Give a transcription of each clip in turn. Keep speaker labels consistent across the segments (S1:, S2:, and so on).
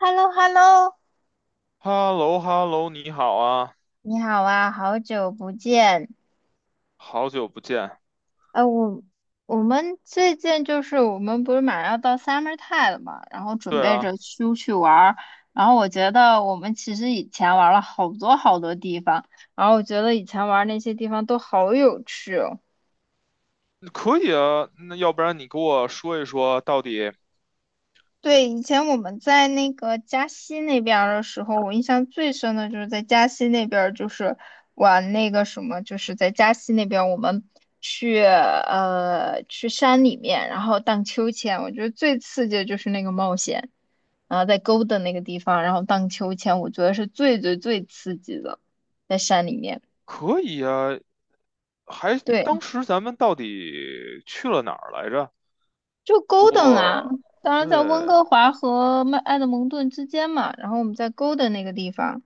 S1: h e l l o h e l l o
S2: h e l l o h e l l o 你好啊，
S1: 你好啊，好久不见。
S2: 好久不见。
S1: 呃，我我们最近就是我们不是马上要到 summer time 了嘛，然后准
S2: 对
S1: 备着
S2: 啊，
S1: 出去玩儿。然后我觉得我们其实以前玩了好多好多地方，然后我觉得以前玩那些地方都好有趣哦。
S2: 可以啊，那要不然你给我说一说，到底
S1: 对，以前我们在那个嘉西那边儿的时候，我印象最深的就是在嘉西那边，就是玩那个什么，就是在嘉西那边，我们去山里面，然后荡秋千。我觉得最刺激的就是那个冒险，然后在沟的那个地方，然后荡秋千，我觉得是最最最刺激的，在山里面。
S2: 可以啊？还
S1: 对，
S2: 当时咱们到底去了哪儿来着？
S1: 就 g
S2: 给
S1: o 啊，
S2: 我，
S1: 当
S2: 对
S1: 然在温哥华和曼埃德蒙顿之间嘛，然后我们在 g o 那个地方。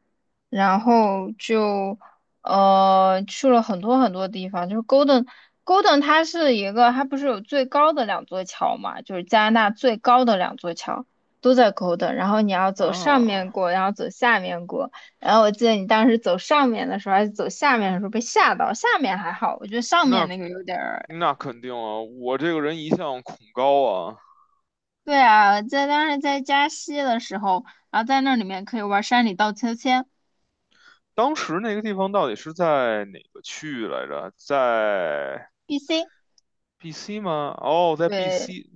S1: 然后就去了很多很多地方，就是 Golden 它是一个，它不是有最高的两座桥嘛，就是加拿大最高的两座桥都在 Golden，然后你要走上
S2: 啊，
S1: 面过，然后走下面过，然后我记得你当时走上面的时候还是走下面的时候被吓到，下面还好，我觉得上面
S2: 那
S1: 那个有点儿。
S2: 那肯定啊，我这个人一向恐高啊。
S1: 对啊，在当时在加西的时候，然后在那里面可以玩山里荡秋千
S2: 当时那个地方到底是在哪个区域来着？在
S1: ，BC。
S2: BC 吗？哦，在
S1: 对，
S2: BC。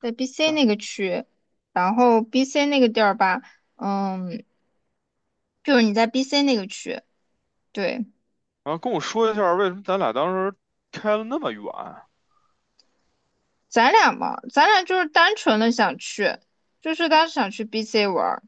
S1: 在 BC 那个区，然后 BC 那个地儿吧，嗯，就是你在 BC 那个区，对，
S2: 然后跟我说一下为什么咱俩当时开了那么远。
S1: 咱俩嘛，咱俩就是单纯的想去，就是当时想去 BC 玩儿，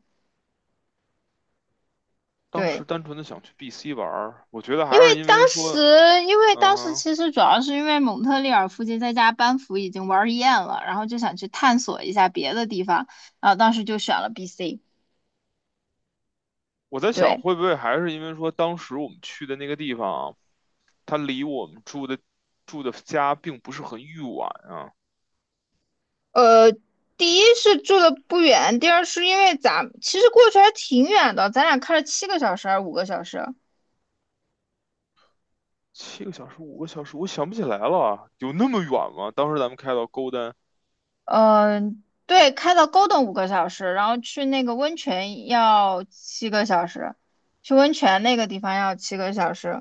S2: 当
S1: 对，
S2: 时单纯的想去 BC 玩儿，我觉得
S1: 因
S2: 还
S1: 为
S2: 是因为
S1: 当时，
S2: 说，
S1: 因为
S2: 嗯
S1: 当时
S2: 哼，
S1: 其实主要是因为蒙特利尔附近在家班服已经玩儿厌了，然后就想去探索一下别的地方，然后当时就选了 BC，
S2: 我在想
S1: 对，
S2: 会不会还是因为说当时我们去的那个地方，它离我们住的家并不是很远啊，
S1: 呃，第一是住的不远，第二是因为咱其实过去还挺远的，咱俩开了七个小时还是五个小时？
S2: 七个小时、五个小时，我想不起来了，有那么远吗？当时咱们开到 Golden
S1: 嗯、对，开到高等五个小时，然后去那个温泉要七个小时，去温泉那个地方要七个小时。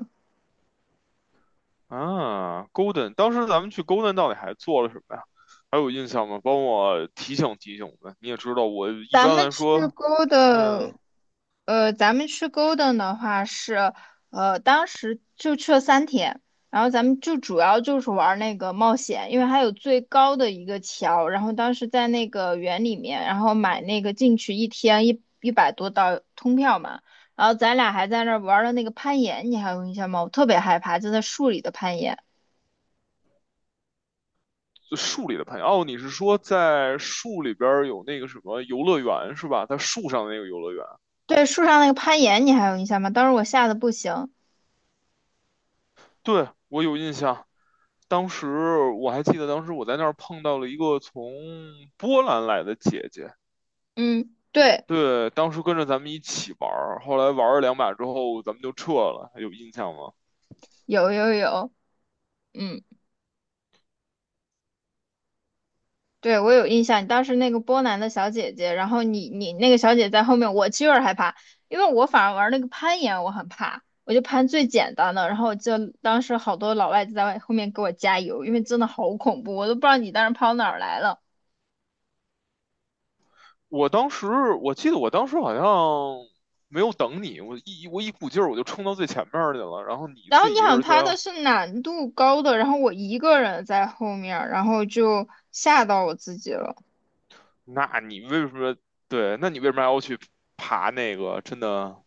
S2: 啊，Golden，当时咱们去 Golden 到底还做了什么呀？还有印象吗？帮我提醒提醒呗。你也知道，我一
S1: 咱
S2: 般
S1: 们
S2: 来
S1: 去
S2: 说，
S1: g
S2: 嗯。
S1: 的，咱们去 g o 的话是，当时就去了3天，然后咱们就主要就是玩那个冒险，因为还有最高的一个桥，然后当时在那个园里面，然后买那个进去一天一百多刀通票嘛，然后咱俩还在那儿玩了那个攀岩，你还有印象吗？我特别害怕，就在树里的攀岩，
S2: 就树里的朋友哦，你是说在树里边有那个什么游乐园是吧？在树上的那个游乐园，
S1: 对，树上那个攀岩你还有印象吗？当时我吓得不行，
S2: 对，我有印象。当时我还记得，当时我在那儿碰到了一个从波兰来的姐姐，
S1: 嗯，对，
S2: 对，当时跟着咱们一起玩儿，后来玩了两把之后，咱们就撤了，还有印象吗？
S1: 有有有，嗯。对，我有印象，你当时那个波兰的小姐姐，然后你那个小姐在后面，我就有点害怕，因为我反而玩那个攀岩我很怕，我就攀最简单的，然后就当时好多老外就在后面给我加油，因为真的好恐怖，我都不知道你当时跑哪儿来了。
S2: 我当时我记得我当时好像没有等你，我一股劲儿我就冲到最前面儿去了，然后你
S1: 然后
S2: 自
S1: 你
S2: 己一
S1: 好
S2: 个
S1: 像
S2: 人在
S1: 爬的是难度高的，然后我一个人在后面儿然后就吓到我自己了。
S2: 那你为什么对？那你为什么还要去爬那个？真的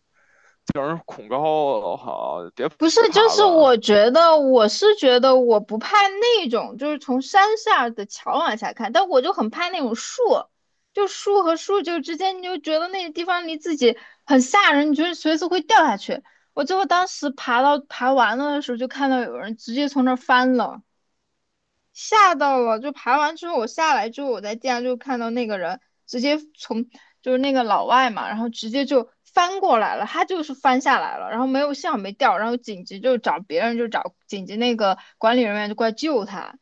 S2: 叫人恐高，好，别
S1: 不是，就
S2: 爬
S1: 是
S2: 了
S1: 我觉得我是觉得我不怕那种，就是从山下的桥往下看，但我就很怕那种树，就树和树就之间，你就觉得那个地方离自己很吓人，你觉得随时会掉下去。我最后当时爬完了的时候，就看到有人直接从那儿翻了。吓到了，就爬完之后我下来之后，我在地上就看到那个人直接从就是那个老外嘛，然后直接就翻过来了，他就是翻下来了，然后没有幸好没掉，然后紧急就找别人就找紧急那个管理人员就过来救他，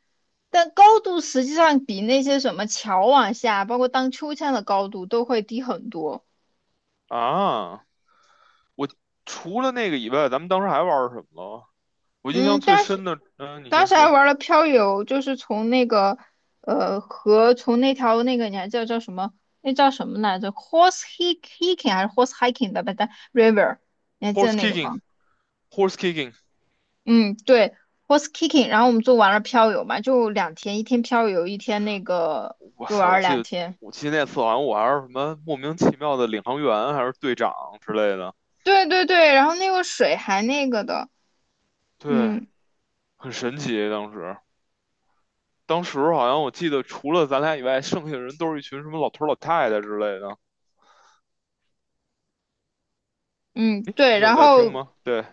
S1: 但高度实际上比那些什么桥往下，包括荡秋千的高度都会低很多。
S2: 啊！我除了那个以外，咱们当时还玩儿什么了？我印象
S1: 嗯，
S2: 最
S1: 但是
S2: 深的，嗯，你
S1: 当
S2: 先
S1: 时还
S2: 说
S1: 玩了漂流，就是从那个河，从那条那个你还记得叫什么？那叫什么来着？Hiking 还是 horse hiking 的吧？但 river，你还记得
S2: ，horse
S1: 那个吗？
S2: kicking，horse kicking，
S1: 嗯，对，horse hiking。然后我们就玩了漂流嘛，就两天，一天漂流，一天那个，
S2: 哇
S1: 就
S2: 塞，
S1: 玩了两天。
S2: 我记得那次好像我还是什么莫名其妙的领航员还是队长之类的，
S1: 对对对，然后那个水还那个的，
S2: 对，
S1: 嗯
S2: 很神奇当时。当时好像我记得，除了咱俩以外，剩下的人都是一群什么老头儿老太太之类的。
S1: 嗯，对，
S2: 你有
S1: 然
S2: 在听
S1: 后
S2: 吗？对，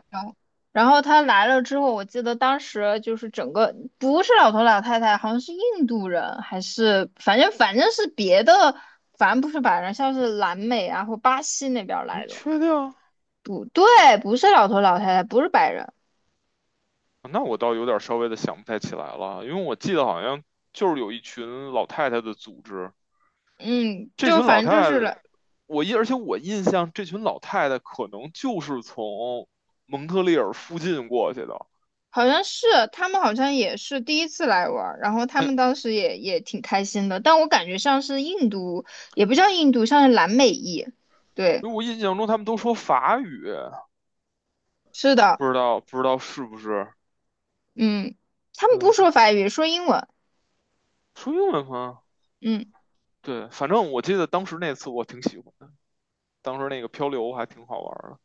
S1: 他来了之后，我记得当时就是整个不是老头老太太，好像是印度人，还是反正是别的，反正不是白人，像是南美啊或巴西那边儿
S2: 你
S1: 来的。
S2: 确定？哦
S1: 不对，不是老头老太太，不是白人。
S2: 那我倒有点稍微的想不太起来了，因为我记得好像就是有一群老太太的组织，
S1: 嗯，
S2: 这
S1: 就
S2: 群老
S1: 反正
S2: 太
S1: 就是
S2: 太，
S1: 了，
S2: 我印，而且我印象这群老太太可能就是从蒙特利尔附近过去的，
S1: 好像是他们好像也是第一次来玩儿然后他们当时也挺开心的，但我感觉像是印度，也不叫印度，像是南美裔。对，
S2: 因为我印象中他们都说法语，
S1: 是的，
S2: 不知道是不是
S1: 嗯，他们不
S2: 对的，
S1: 说法语，说英文。
S2: 说英文吗？
S1: 嗯，
S2: 对，反正我记得当时那次我挺喜欢的，当时那个漂流还挺好玩的，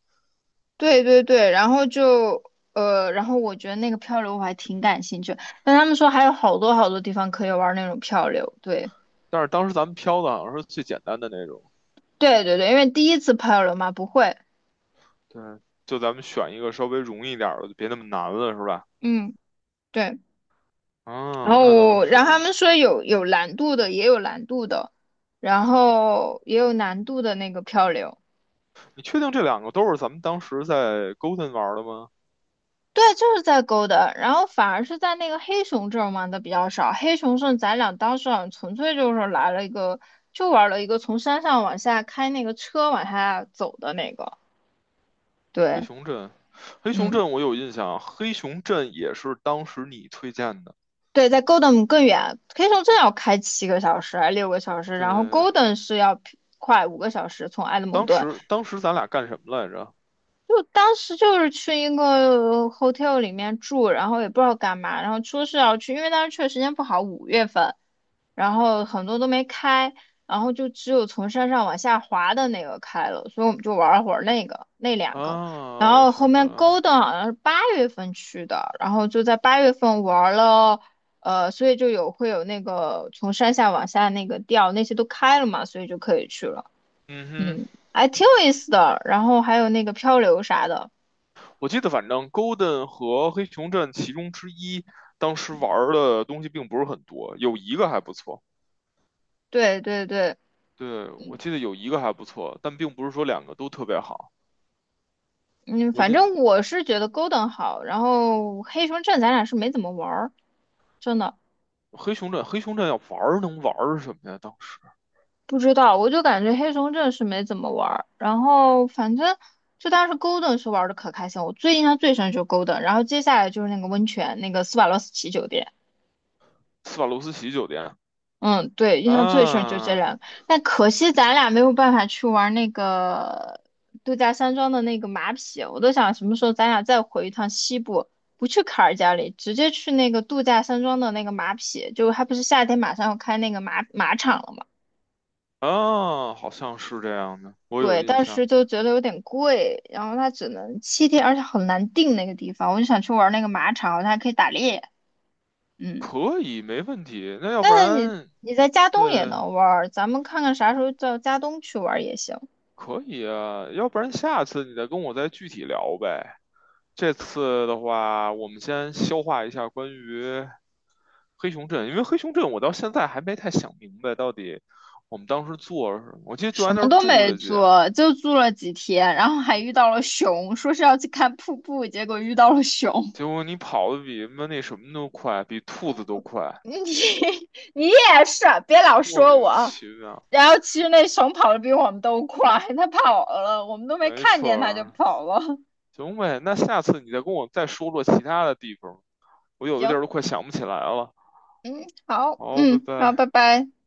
S1: 对对对，然后就然后我觉得那个漂流我还挺感兴趣，但他们说还有好多好多地方可以玩那种漂流，对
S2: 但是当时咱们漂的好像是最简单的那种，
S1: 对对对，因为第一次漂流嘛，不会，
S2: 对，就咱们选一个稍微容易点儿的，就别那么难了，是吧？
S1: 嗯，对，然
S2: 啊，
S1: 后
S2: 那倒
S1: 我然后他
S2: 是。
S1: 们说有难度的，也有难度的，然后也有难度的那个漂流，
S2: 你确定这两个都是咱们当时在 Golden 玩的吗？
S1: 对，就是在 Golden，然后反而是在那个黑熊镇玩的比较少。黑熊镇咱俩当时好像纯粹就是来了一个，就玩了一个从山上往下开那个车往下走的那个。
S2: 黑
S1: 对，
S2: 熊镇，黑熊
S1: 嗯，
S2: 镇我有印象，黑熊镇也是当时你推荐的。
S1: 对，在 Golden 更远，黑熊镇要开七个小时还是6个小时，然后
S2: 对，
S1: Golden 是要快五个小时从埃德蒙
S2: 当
S1: 顿。
S2: 时当时咱俩干什么来着？
S1: 就当时就是去一个 hotel 里面住，然后也不知道干嘛，然后说是要去，因为当时去的时间不好，5月份。然后很多都没开，然后就只有从山上往下滑的那个开了，所以我们就玩了会儿那个那两个，
S2: 啊，
S1: 然
S2: 我
S1: 后后
S2: 想起来
S1: 面
S2: 了。
S1: 勾的好像是八月份去的，然后就在八月份玩了，所以就有会有那个从山下往下那个吊，那些都开了嘛，所以就可以去了，
S2: 嗯哼，
S1: 嗯，还挺有意思的，然后还有那个漂流啥的，
S2: 我记得反正 Golden 和黑熊镇其中之一，当时玩儿的东西并不是很多，有一个还不错。
S1: 对对对。
S2: 对，我记得有一个还不错，但并不是说两个都特别好。
S1: 嗯，
S2: 我已
S1: 反
S2: 经
S1: 正我是觉得 Golden 好，然后黑熊镇咱俩是没怎么玩儿，真的。
S2: 黑熊镇，黑熊镇要玩儿能玩儿什么呀？当时
S1: 不知道，我就感觉黑熊镇是没怎么玩儿，然后反正就当时 Golden 是玩的可开心，我最印象最深就是 Golden，然后接下来就是那个温泉，那个斯瓦洛斯奇酒店，
S2: 斯瓦罗斯奇酒店
S1: 嗯，对，印象最深就这
S2: 啊
S1: 两个，但可惜咱俩没有办法去玩那个度假山庄的那个马匹，我都想什么时候咱俩再回一趟西部，不去卡尔加里，直接去那个度假山庄的那个马匹，就还不是夏天马上要开那个马场了吗？
S2: 啊，好像是这样的，我有
S1: 对，
S2: 印
S1: 但
S2: 象。
S1: 是就觉得有点贵，然后它只能7天，而且很难定那个地方。我就想去玩那个马场，它还可以打猎，嗯。
S2: 可以，没问题。那要不
S1: 但是你
S2: 然，
S1: 你在加东也
S2: 对，
S1: 能玩儿咱们看看啥时候到加东去玩儿也行。
S2: 可以啊。要不然下次你再跟我再具体聊呗。这次的话，我们先消化一下关于黑熊镇，因为黑熊镇我到现在还没太想明白到底我们当时做了什么。我记得就
S1: 什
S2: 在
S1: 么
S2: 那儿
S1: 都
S2: 住
S1: 没
S2: 了去，
S1: 做，就住了几天，然后还遇到了熊，说是要去看瀑布，结果遇到了熊。
S2: 结果你跑的比妈那什么都快，比兔子都快，
S1: 你你也是啊，别老
S2: 莫
S1: 说
S2: 名
S1: 我。
S2: 其妙。
S1: 然后其实那熊跑得比我们都快，它跑了，我们都没
S2: 没
S1: 看
S2: 错
S1: 见它就
S2: 儿，
S1: 跑了。
S2: 行呗，那下次你再跟我再说说其他的地方，我 有的地
S1: 行，
S2: 儿都快想不起来了。
S1: 嗯，好，
S2: 好，拜
S1: 嗯，好，
S2: 拜。
S1: 拜拜。